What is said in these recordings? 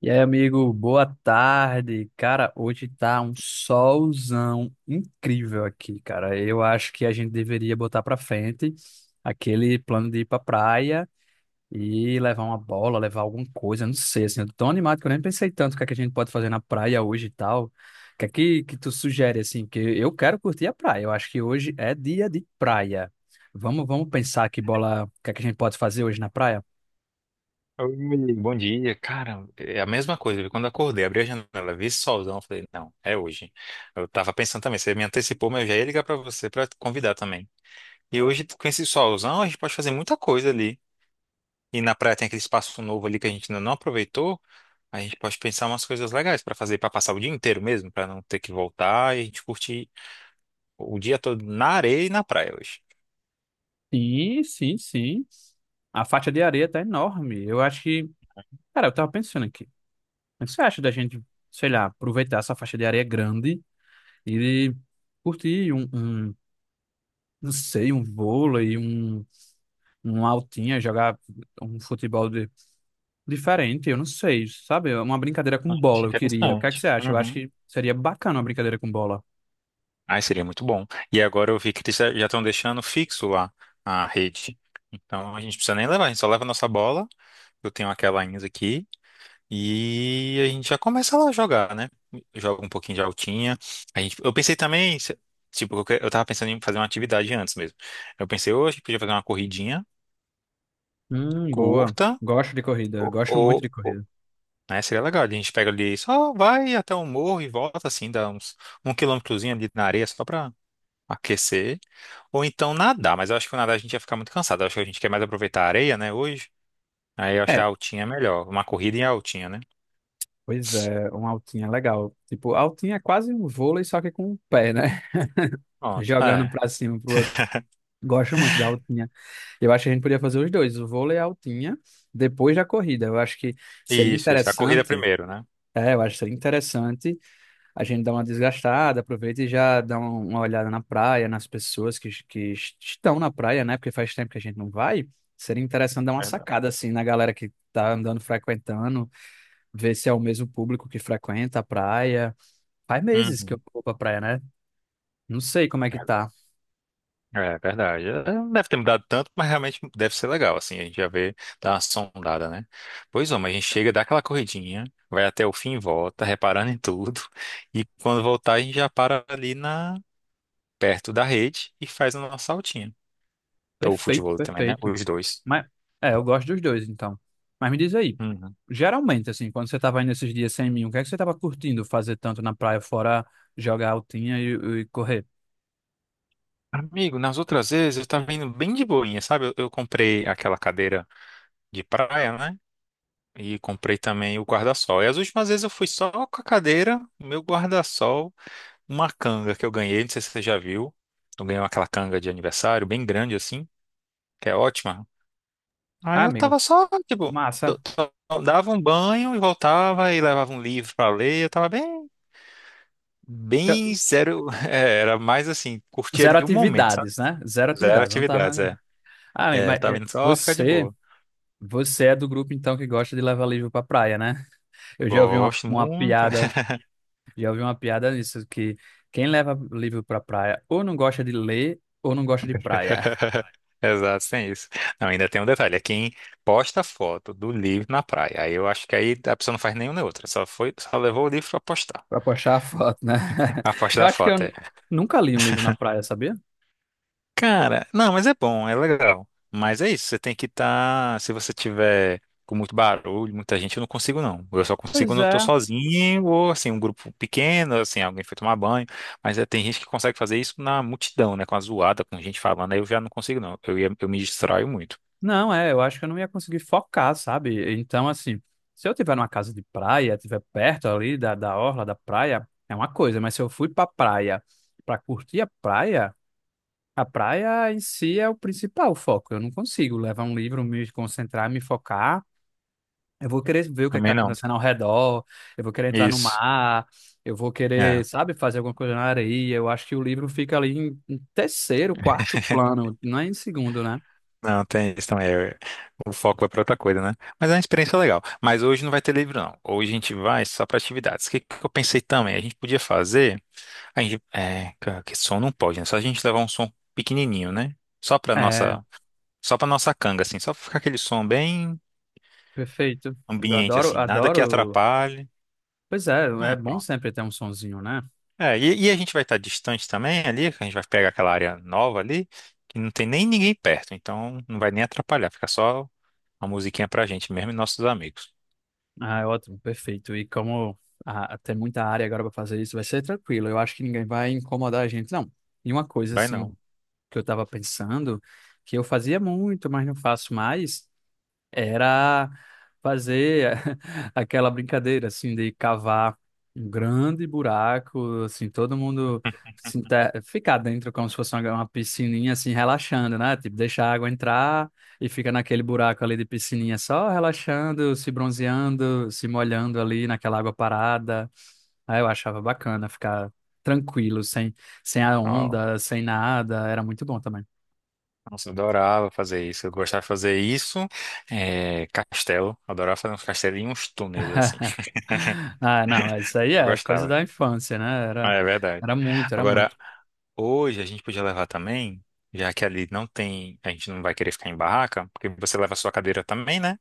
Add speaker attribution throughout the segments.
Speaker 1: E aí, amigo, boa tarde. Cara, hoje tá um solzão incrível aqui, cara. Eu acho que a gente deveria botar pra frente aquele plano de ir pra praia e levar uma bola, levar alguma coisa, não sei, assim, eu tô tão animado que eu nem pensei tanto o que é que a gente pode fazer na praia hoje e tal. O que é que tu sugere, assim, porque eu quero curtir a praia. Eu acho que hoje é dia de praia. Vamos pensar que bola, o que é que a gente pode fazer hoje na praia?
Speaker 2: Oi, bom dia. Cara, é a mesma coisa, viu? Quando eu acordei, abri a janela, vi esse solzão, falei, não, é hoje. Eu tava pensando também, você me antecipou, mas eu já ia ligar pra você pra te convidar também. E hoje, com esse solzão, a gente pode fazer muita coisa ali. E na praia tem aquele espaço novo ali que a gente ainda não aproveitou. A gente pode pensar umas coisas legais pra fazer, pra passar o dia inteiro mesmo, pra não ter que voltar e a gente curtir o dia todo na areia e na praia hoje.
Speaker 1: Sim, sim, sim. A faixa de areia tá enorme. Eu acho que. Cara, eu tava pensando aqui. O que você acha da gente, sei lá, aproveitar essa faixa de areia grande e curtir não sei, um altinha, jogar um futebol de- diferente? Eu não sei, sabe? É uma brincadeira com
Speaker 2: Acho
Speaker 1: bola eu queria. O que é que
Speaker 2: interessante.
Speaker 1: você acha? Eu acho que seria bacana uma brincadeira com bola.
Speaker 2: Ai, seria muito bom. E agora eu vi que eles já estão deixando fixo lá a rede. Então a gente não precisa nem levar, a gente só leva a nossa bola. Eu tenho aquela ainda aqui. E a gente já começa lá a jogar, né? Joga um pouquinho de altinha. A gente, eu pensei também, tipo, eu tava pensando em fazer uma atividade antes mesmo. Eu pensei, hoje a gente podia fazer uma corridinha
Speaker 1: Boa.
Speaker 2: curta,
Speaker 1: Gosto de corrida.
Speaker 2: ou,
Speaker 1: Gosto muito de
Speaker 2: ou, ou-
Speaker 1: corrida.
Speaker 2: né? Seria legal. A gente pega ali, só vai até o morro e volta assim, dá uns um quilômetrozinho ali na areia, só pra aquecer, ou então nadar, mas eu acho que o nadar a gente ia ficar muito cansado. Eu acho que a gente quer mais aproveitar a areia, né, hoje. Aí eu acho que a altinha é melhor, uma corrida em altinha, né?
Speaker 1: Pois é, uma altinha legal. Tipo, altinha é quase um vôlei, só que com o pé, né?
Speaker 2: Pronto.
Speaker 1: Jogando
Speaker 2: É.
Speaker 1: pra cima, um pro outro. Gosto muito da altinha. Eu acho que a gente podia fazer os dois, o vôlei e a altinha, depois da corrida. Eu acho que seria
Speaker 2: Isso, isso. A corrida
Speaker 1: interessante,
Speaker 2: primeiro, né?
Speaker 1: é, eu acho que seria interessante a gente dar uma desgastada, aproveita e já dá uma olhada na praia, nas pessoas que estão na praia, né? Porque faz tempo que a gente não vai. Seria interessante dar uma
Speaker 2: Verdade.
Speaker 1: sacada, assim, na galera que tá andando, frequentando, ver se é o mesmo público que frequenta a praia. Faz meses que eu
Speaker 2: Uhum.
Speaker 1: vou pra praia, né? Não sei como é que
Speaker 2: É,
Speaker 1: tá.
Speaker 2: é verdade. É, não deve ter mudado tanto, mas realmente deve ser legal, assim, a gente já vê, dá uma sondada, né? Pois é, mas a gente chega, dá aquela corridinha, vai até o fim e volta, reparando em tudo, e quando voltar a gente já para ali na, perto da rede e faz a nossa altinha. Ou
Speaker 1: Perfeito,
Speaker 2: futebol também, né?
Speaker 1: perfeito.
Speaker 2: Os dois.
Speaker 1: Mas, é, eu gosto dos dois, então. Mas me diz aí,
Speaker 2: Uhum.
Speaker 1: geralmente, assim, quando você tava indo esses dias sem mim, o que é que você tava curtindo fazer tanto na praia, fora jogar e correr?
Speaker 2: Amigo, nas outras vezes eu tava indo bem de boinha, sabe? Eu comprei aquela cadeira de praia, né? E comprei também o guarda-sol. E as últimas vezes eu fui só com a cadeira, meu guarda-sol, uma canga que eu ganhei, não sei se você já viu. Eu ganhei aquela canga de aniversário, bem grande assim, que é ótima.
Speaker 1: Ah,
Speaker 2: Aí eu
Speaker 1: amigo,
Speaker 2: tava só, tipo,
Speaker 1: massa.
Speaker 2: só dava um banho e voltava e levava um livro pra ler. Eu tava bem,
Speaker 1: Eu-
Speaker 2: bem zero. É, era mais assim, curtia
Speaker 1: Zero
Speaker 2: ali o momento, sabe?
Speaker 1: atividades, né? Zero
Speaker 2: Zero
Speaker 1: atividades, não tava...
Speaker 2: atividades, é.
Speaker 1: né? Ah, amigo,
Speaker 2: É, eu
Speaker 1: mas
Speaker 2: tava
Speaker 1: é,
Speaker 2: indo só ficar de
Speaker 1: você...
Speaker 2: boa.
Speaker 1: Você é do grupo, então, que gosta de levar livro pra praia, né? Eu já ouvi uma,
Speaker 2: Gosto
Speaker 1: uma
Speaker 2: muito.
Speaker 1: piada. Já ouvi uma piada nisso, que quem leva livro pra praia ou não gosta de ler ou não gosta de praia.
Speaker 2: Exato, sem isso. Não, ainda tem um detalhe, é quem posta foto do livro na praia. Aí eu acho que aí a pessoa não faz nenhum nem outra, só foi, só levou o livro pra postar.
Speaker 1: Pra postar a foto, né?
Speaker 2: A parte
Speaker 1: Eu
Speaker 2: da
Speaker 1: acho que
Speaker 2: foto, é.
Speaker 1: nunca li um livro na praia, sabia?
Speaker 2: Cara, não, mas é bom, é legal. Mas é isso, você tem que estar. Se você tiver com muito barulho, muita gente, eu não consigo não. Eu só consigo
Speaker 1: Pois
Speaker 2: quando eu tô
Speaker 1: é.
Speaker 2: sozinho ou assim, um grupo pequeno, assim, alguém foi tomar banho. Mas é, tem gente que consegue fazer isso na multidão, né? Com a zoada, com gente falando, aí eu já não consigo não. Eu me distraio muito.
Speaker 1: Não, é, eu acho que eu não ia conseguir focar, sabe? Então, assim, se eu tiver numa casa de praia, tiver perto ali da orla da praia, é uma coisa, mas se eu fui pra praia pra curtir a praia em si é o principal foco. Eu não consigo levar um livro, me concentrar, me focar. Eu vou querer ver o que está
Speaker 2: Também não.
Speaker 1: acontecendo ao redor, eu vou querer entrar no
Speaker 2: Isso.
Speaker 1: mar, eu vou
Speaker 2: É.
Speaker 1: querer, sabe, fazer alguma coisa na areia. Eu acho que o livro fica ali em terceiro, quarto plano, não é em segundo, né?
Speaker 2: Não, tem isso também. É, o foco vai pra outra coisa, né? Mas é uma experiência legal. Mas hoje não vai ter livro, não. Hoje a gente vai só para atividades. O que que eu pensei também? A gente podia fazer. A gente, que som não pode, né? Só a gente levar um som pequenininho, né? Só pra
Speaker 1: É,
Speaker 2: nossa, só pra nossa canga, assim. Só pra ficar aquele som bem
Speaker 1: perfeito. Eu
Speaker 2: ambiente,
Speaker 1: adoro,
Speaker 2: assim. Nada que
Speaker 1: adoro.
Speaker 2: atrapalhe.
Speaker 1: Pois é,
Speaker 2: Ah,
Speaker 1: é
Speaker 2: é,
Speaker 1: bom
Speaker 2: pronto.
Speaker 1: sempre ter um sonzinho, né?
Speaker 2: É, e a gente vai estar distante também ali, que a gente vai pegar aquela área nova ali, que não tem nem ninguém perto. Então não vai nem atrapalhar. Fica só uma musiquinha pra gente mesmo e nossos amigos.
Speaker 1: Ah, é ótimo, perfeito. E como ah, tem muita área agora para fazer isso, vai ser tranquilo. Eu acho que ninguém vai incomodar a gente, não. E uma coisa,
Speaker 2: Vai
Speaker 1: assim,
Speaker 2: não.
Speaker 1: que eu estava pensando, que eu fazia muito, mas não faço mais, era fazer aquela brincadeira assim de cavar um grande buraco, assim, todo mundo se inter- ficar dentro como se fosse uma piscininha assim relaxando, né? Tipo, deixar a água entrar e fica naquele buraco ali de piscininha só relaxando, se bronzeando, se molhando ali naquela água parada. Aí eu achava bacana ficar tranquilo, sem a
Speaker 2: Ó,
Speaker 1: onda, sem nada, era muito bom também.
Speaker 2: nossa, eu adorava fazer isso. Eu gostava de fazer isso. É, castelo. Adorava fazer uns castelinhos, uns túneis, assim.
Speaker 1: Ah, não, isso aí
Speaker 2: Eu
Speaker 1: é coisa
Speaker 2: gostava.
Speaker 1: da infância, né?
Speaker 2: Ah,
Speaker 1: Era,
Speaker 2: é verdade.
Speaker 1: era muito, era
Speaker 2: Agora,
Speaker 1: muito.
Speaker 2: hoje a gente podia levar também, já que ali não tem, a gente não vai querer ficar em barraca, porque você leva a sua cadeira também, né?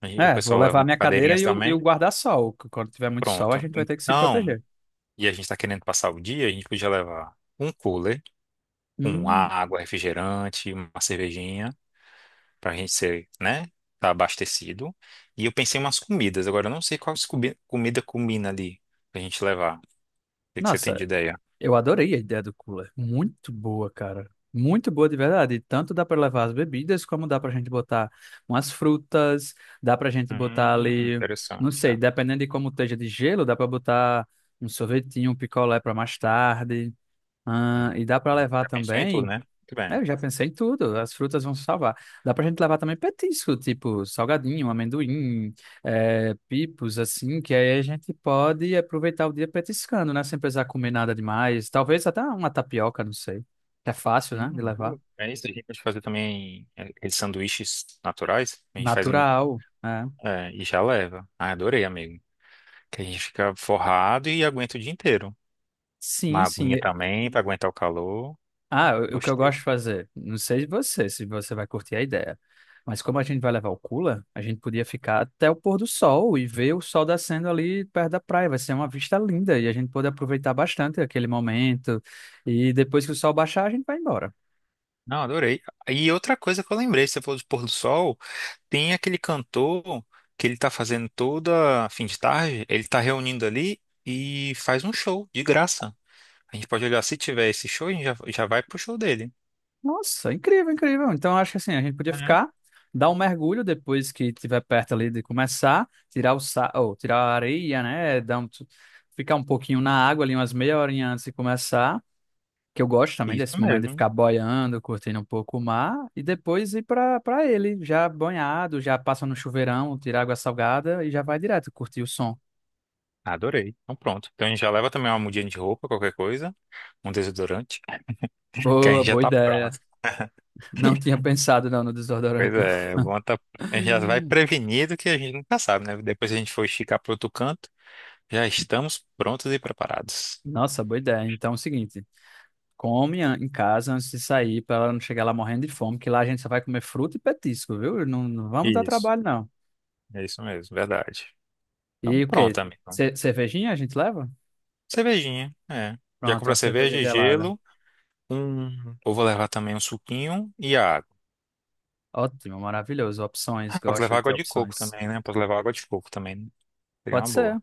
Speaker 2: Aí o
Speaker 1: É, vou
Speaker 2: pessoal leva
Speaker 1: levar
Speaker 2: umas
Speaker 1: minha cadeira
Speaker 2: cadeirinhas
Speaker 1: e o
Speaker 2: também.
Speaker 1: guarda-sol. Que Quando tiver muito sol, a
Speaker 2: Pronto.
Speaker 1: gente vai ter que se
Speaker 2: Então,
Speaker 1: proteger.
Speaker 2: e a gente tá querendo passar o dia, a gente podia levar um cooler, com
Speaker 1: Hum,
Speaker 2: água, refrigerante, uma cervejinha, pra gente ser, né? Tá abastecido. E eu pensei em umas comidas. Agora, eu não sei qual comida combina ali pra gente levar. O que que você tem de
Speaker 1: nossa,
Speaker 2: ideia?
Speaker 1: eu adorei a ideia do cooler. Muito boa, cara. Muito boa de verdade. E Tanto dá para levar as bebidas, como dá pra gente botar umas frutas, dá pra gente botar ali, não
Speaker 2: Interessante.
Speaker 1: sei,
Speaker 2: É.
Speaker 1: dependendo de como esteja de gelo, dá pra botar um sorvetinho, um picolé pra mais tarde. Ah,
Speaker 2: Hum,
Speaker 1: e dá pra
Speaker 2: hum.
Speaker 1: levar
Speaker 2: Já pensou em tudo,
Speaker 1: também.
Speaker 2: né? Muito
Speaker 1: É,
Speaker 2: bem.
Speaker 1: eu já pensei em tudo, as frutas vão salvar. Dá pra gente levar também petisco, tipo salgadinho, amendoim, pipos, assim, que aí a gente pode aproveitar o dia petiscando, né? Sem precisar comer nada demais. Talvez até uma tapioca, não sei. É fácil, né? De levar.
Speaker 2: Boa. É isso, a gente pode fazer também, aqueles sanduíches naturais. A gente faz um,
Speaker 1: Natural, né?
Speaker 2: e já leva. Ah, adorei, amigo. Que a gente fica forrado e aguenta o dia inteiro.
Speaker 1: Sim,
Speaker 2: Uma
Speaker 1: sim.
Speaker 2: aguinha também para aguentar o calor.
Speaker 1: Ah, o que eu
Speaker 2: Gostei.
Speaker 1: gosto de fazer, não sei você, se você vai curtir a ideia, mas como a gente vai levar o cooler, a gente podia ficar até o pôr do sol e ver o sol descendo ali perto da praia. Vai ser uma vista linda e a gente pode aproveitar bastante aquele momento. E depois que o sol baixar, a gente vai embora.
Speaker 2: Não, adorei. E outra coisa que eu lembrei, você falou de pôr do sol, tem aquele cantor que ele tá fazendo toda fim de tarde, ele tá reunindo ali e faz um show de graça. A gente pode olhar, se tiver esse show, a gente já, já vai pro show dele.
Speaker 1: Nossa, incrível, incrível. Então acho que assim, a gente podia ficar, dar um mergulho depois que tiver perto ali de começar, ou tirar a areia, né? Dar um... Ficar um pouquinho na água ali, umas meia horinha antes de começar, que eu gosto também
Speaker 2: Isso
Speaker 1: desse momento de
Speaker 2: mesmo.
Speaker 1: ficar boiando, curtindo um pouco o mar e depois ir para ele, já banhado, já passa no chuveirão, tira água salgada e já vai direto curtir o som.
Speaker 2: Adorei. Então pronto. Então a gente já leva também uma mudinha de roupa, qualquer coisa, um desodorante, que a
Speaker 1: Boa,
Speaker 2: gente já
Speaker 1: boa
Speaker 2: tá
Speaker 1: ideia.
Speaker 2: pronto.
Speaker 1: Não tinha pensado não no
Speaker 2: Pois
Speaker 1: desodorante não.
Speaker 2: é, bom, tá, a gente já vai prevenido que a gente nunca sabe, né? Depois se a gente for esticar para outro canto, já estamos prontos e preparados.
Speaker 1: Nossa, boa ideia. Então é o seguinte, em casa antes de sair para ela não chegar lá morrendo de fome, que lá a gente só vai comer fruta e petisco, viu? Não, não vamos dar
Speaker 2: Isso,
Speaker 1: trabalho não.
Speaker 2: é isso mesmo, verdade. Então
Speaker 1: E o quê?
Speaker 2: pronto, amigo.
Speaker 1: Cervejinha a gente leva?
Speaker 2: Cervejinha, é. Já
Speaker 1: Pronto,
Speaker 2: comprou
Speaker 1: uma
Speaker 2: a
Speaker 1: cerveja
Speaker 2: cerveja,
Speaker 1: gelada.
Speaker 2: gelo, um. Eu vou levar também um suquinho e a água.
Speaker 1: Ótimo, maravilhoso. Opções,
Speaker 2: Ah, posso
Speaker 1: gosto
Speaker 2: levar
Speaker 1: de ter
Speaker 2: água de coco
Speaker 1: opções.
Speaker 2: também, né? Posso levar água de coco também, né? Seria
Speaker 1: Pode
Speaker 2: uma boa.
Speaker 1: ser.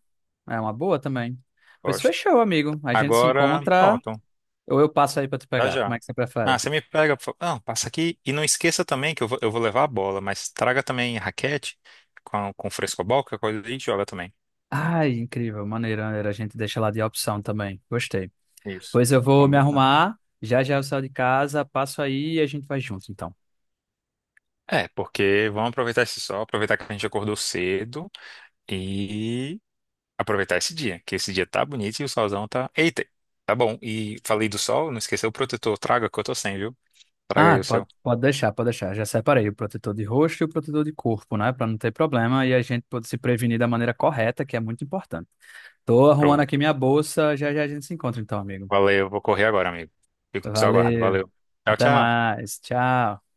Speaker 1: É uma boa também. Pois
Speaker 2: Gosto.
Speaker 1: fechou, amigo. A gente se
Speaker 2: Agora,
Speaker 1: encontra
Speaker 2: pronto.
Speaker 1: ou eu passo aí pra te
Speaker 2: Já
Speaker 1: pegar.
Speaker 2: já.
Speaker 1: Como é que você
Speaker 2: Ah,
Speaker 1: prefere?
Speaker 2: você me pega, por favor. Não, passa aqui. E não esqueça também que eu vou levar a bola, mas traga também raquete com frescobol, que é coisa a gente joga também.
Speaker 1: Ai, incrível. Maneira, maneira. A gente deixa lá de opção também. Gostei.
Speaker 2: Isso.
Speaker 1: Pois eu vou me
Speaker 2: Combinado.
Speaker 1: arrumar. Já já eu saio de casa, passo aí e a gente vai junto, então.
Speaker 2: É, porque vamos aproveitar esse sol, aproveitar que a gente acordou cedo e aproveitar esse dia, que esse dia tá bonito e o solzão tá. Eita, tá bom. E falei do sol, não esqueceu o protetor. Traga que eu tô sem, viu? Traga
Speaker 1: Ah,
Speaker 2: aí o seu.
Speaker 1: pode, pode deixar, pode deixar. Já separei o protetor de rosto e o protetor de corpo, né? Pra não ter problema e a gente pode se prevenir da maneira correta, que é muito importante. Tô arrumando aqui
Speaker 2: Pronto.
Speaker 1: minha bolsa. Já já a gente se encontra, então, amigo.
Speaker 2: Valeu, vou correr agora, amigo. Fico no seu aguardo.
Speaker 1: Valeu.
Speaker 2: Valeu. Tchau,
Speaker 1: Até
Speaker 2: tchau.
Speaker 1: mais. Tchau.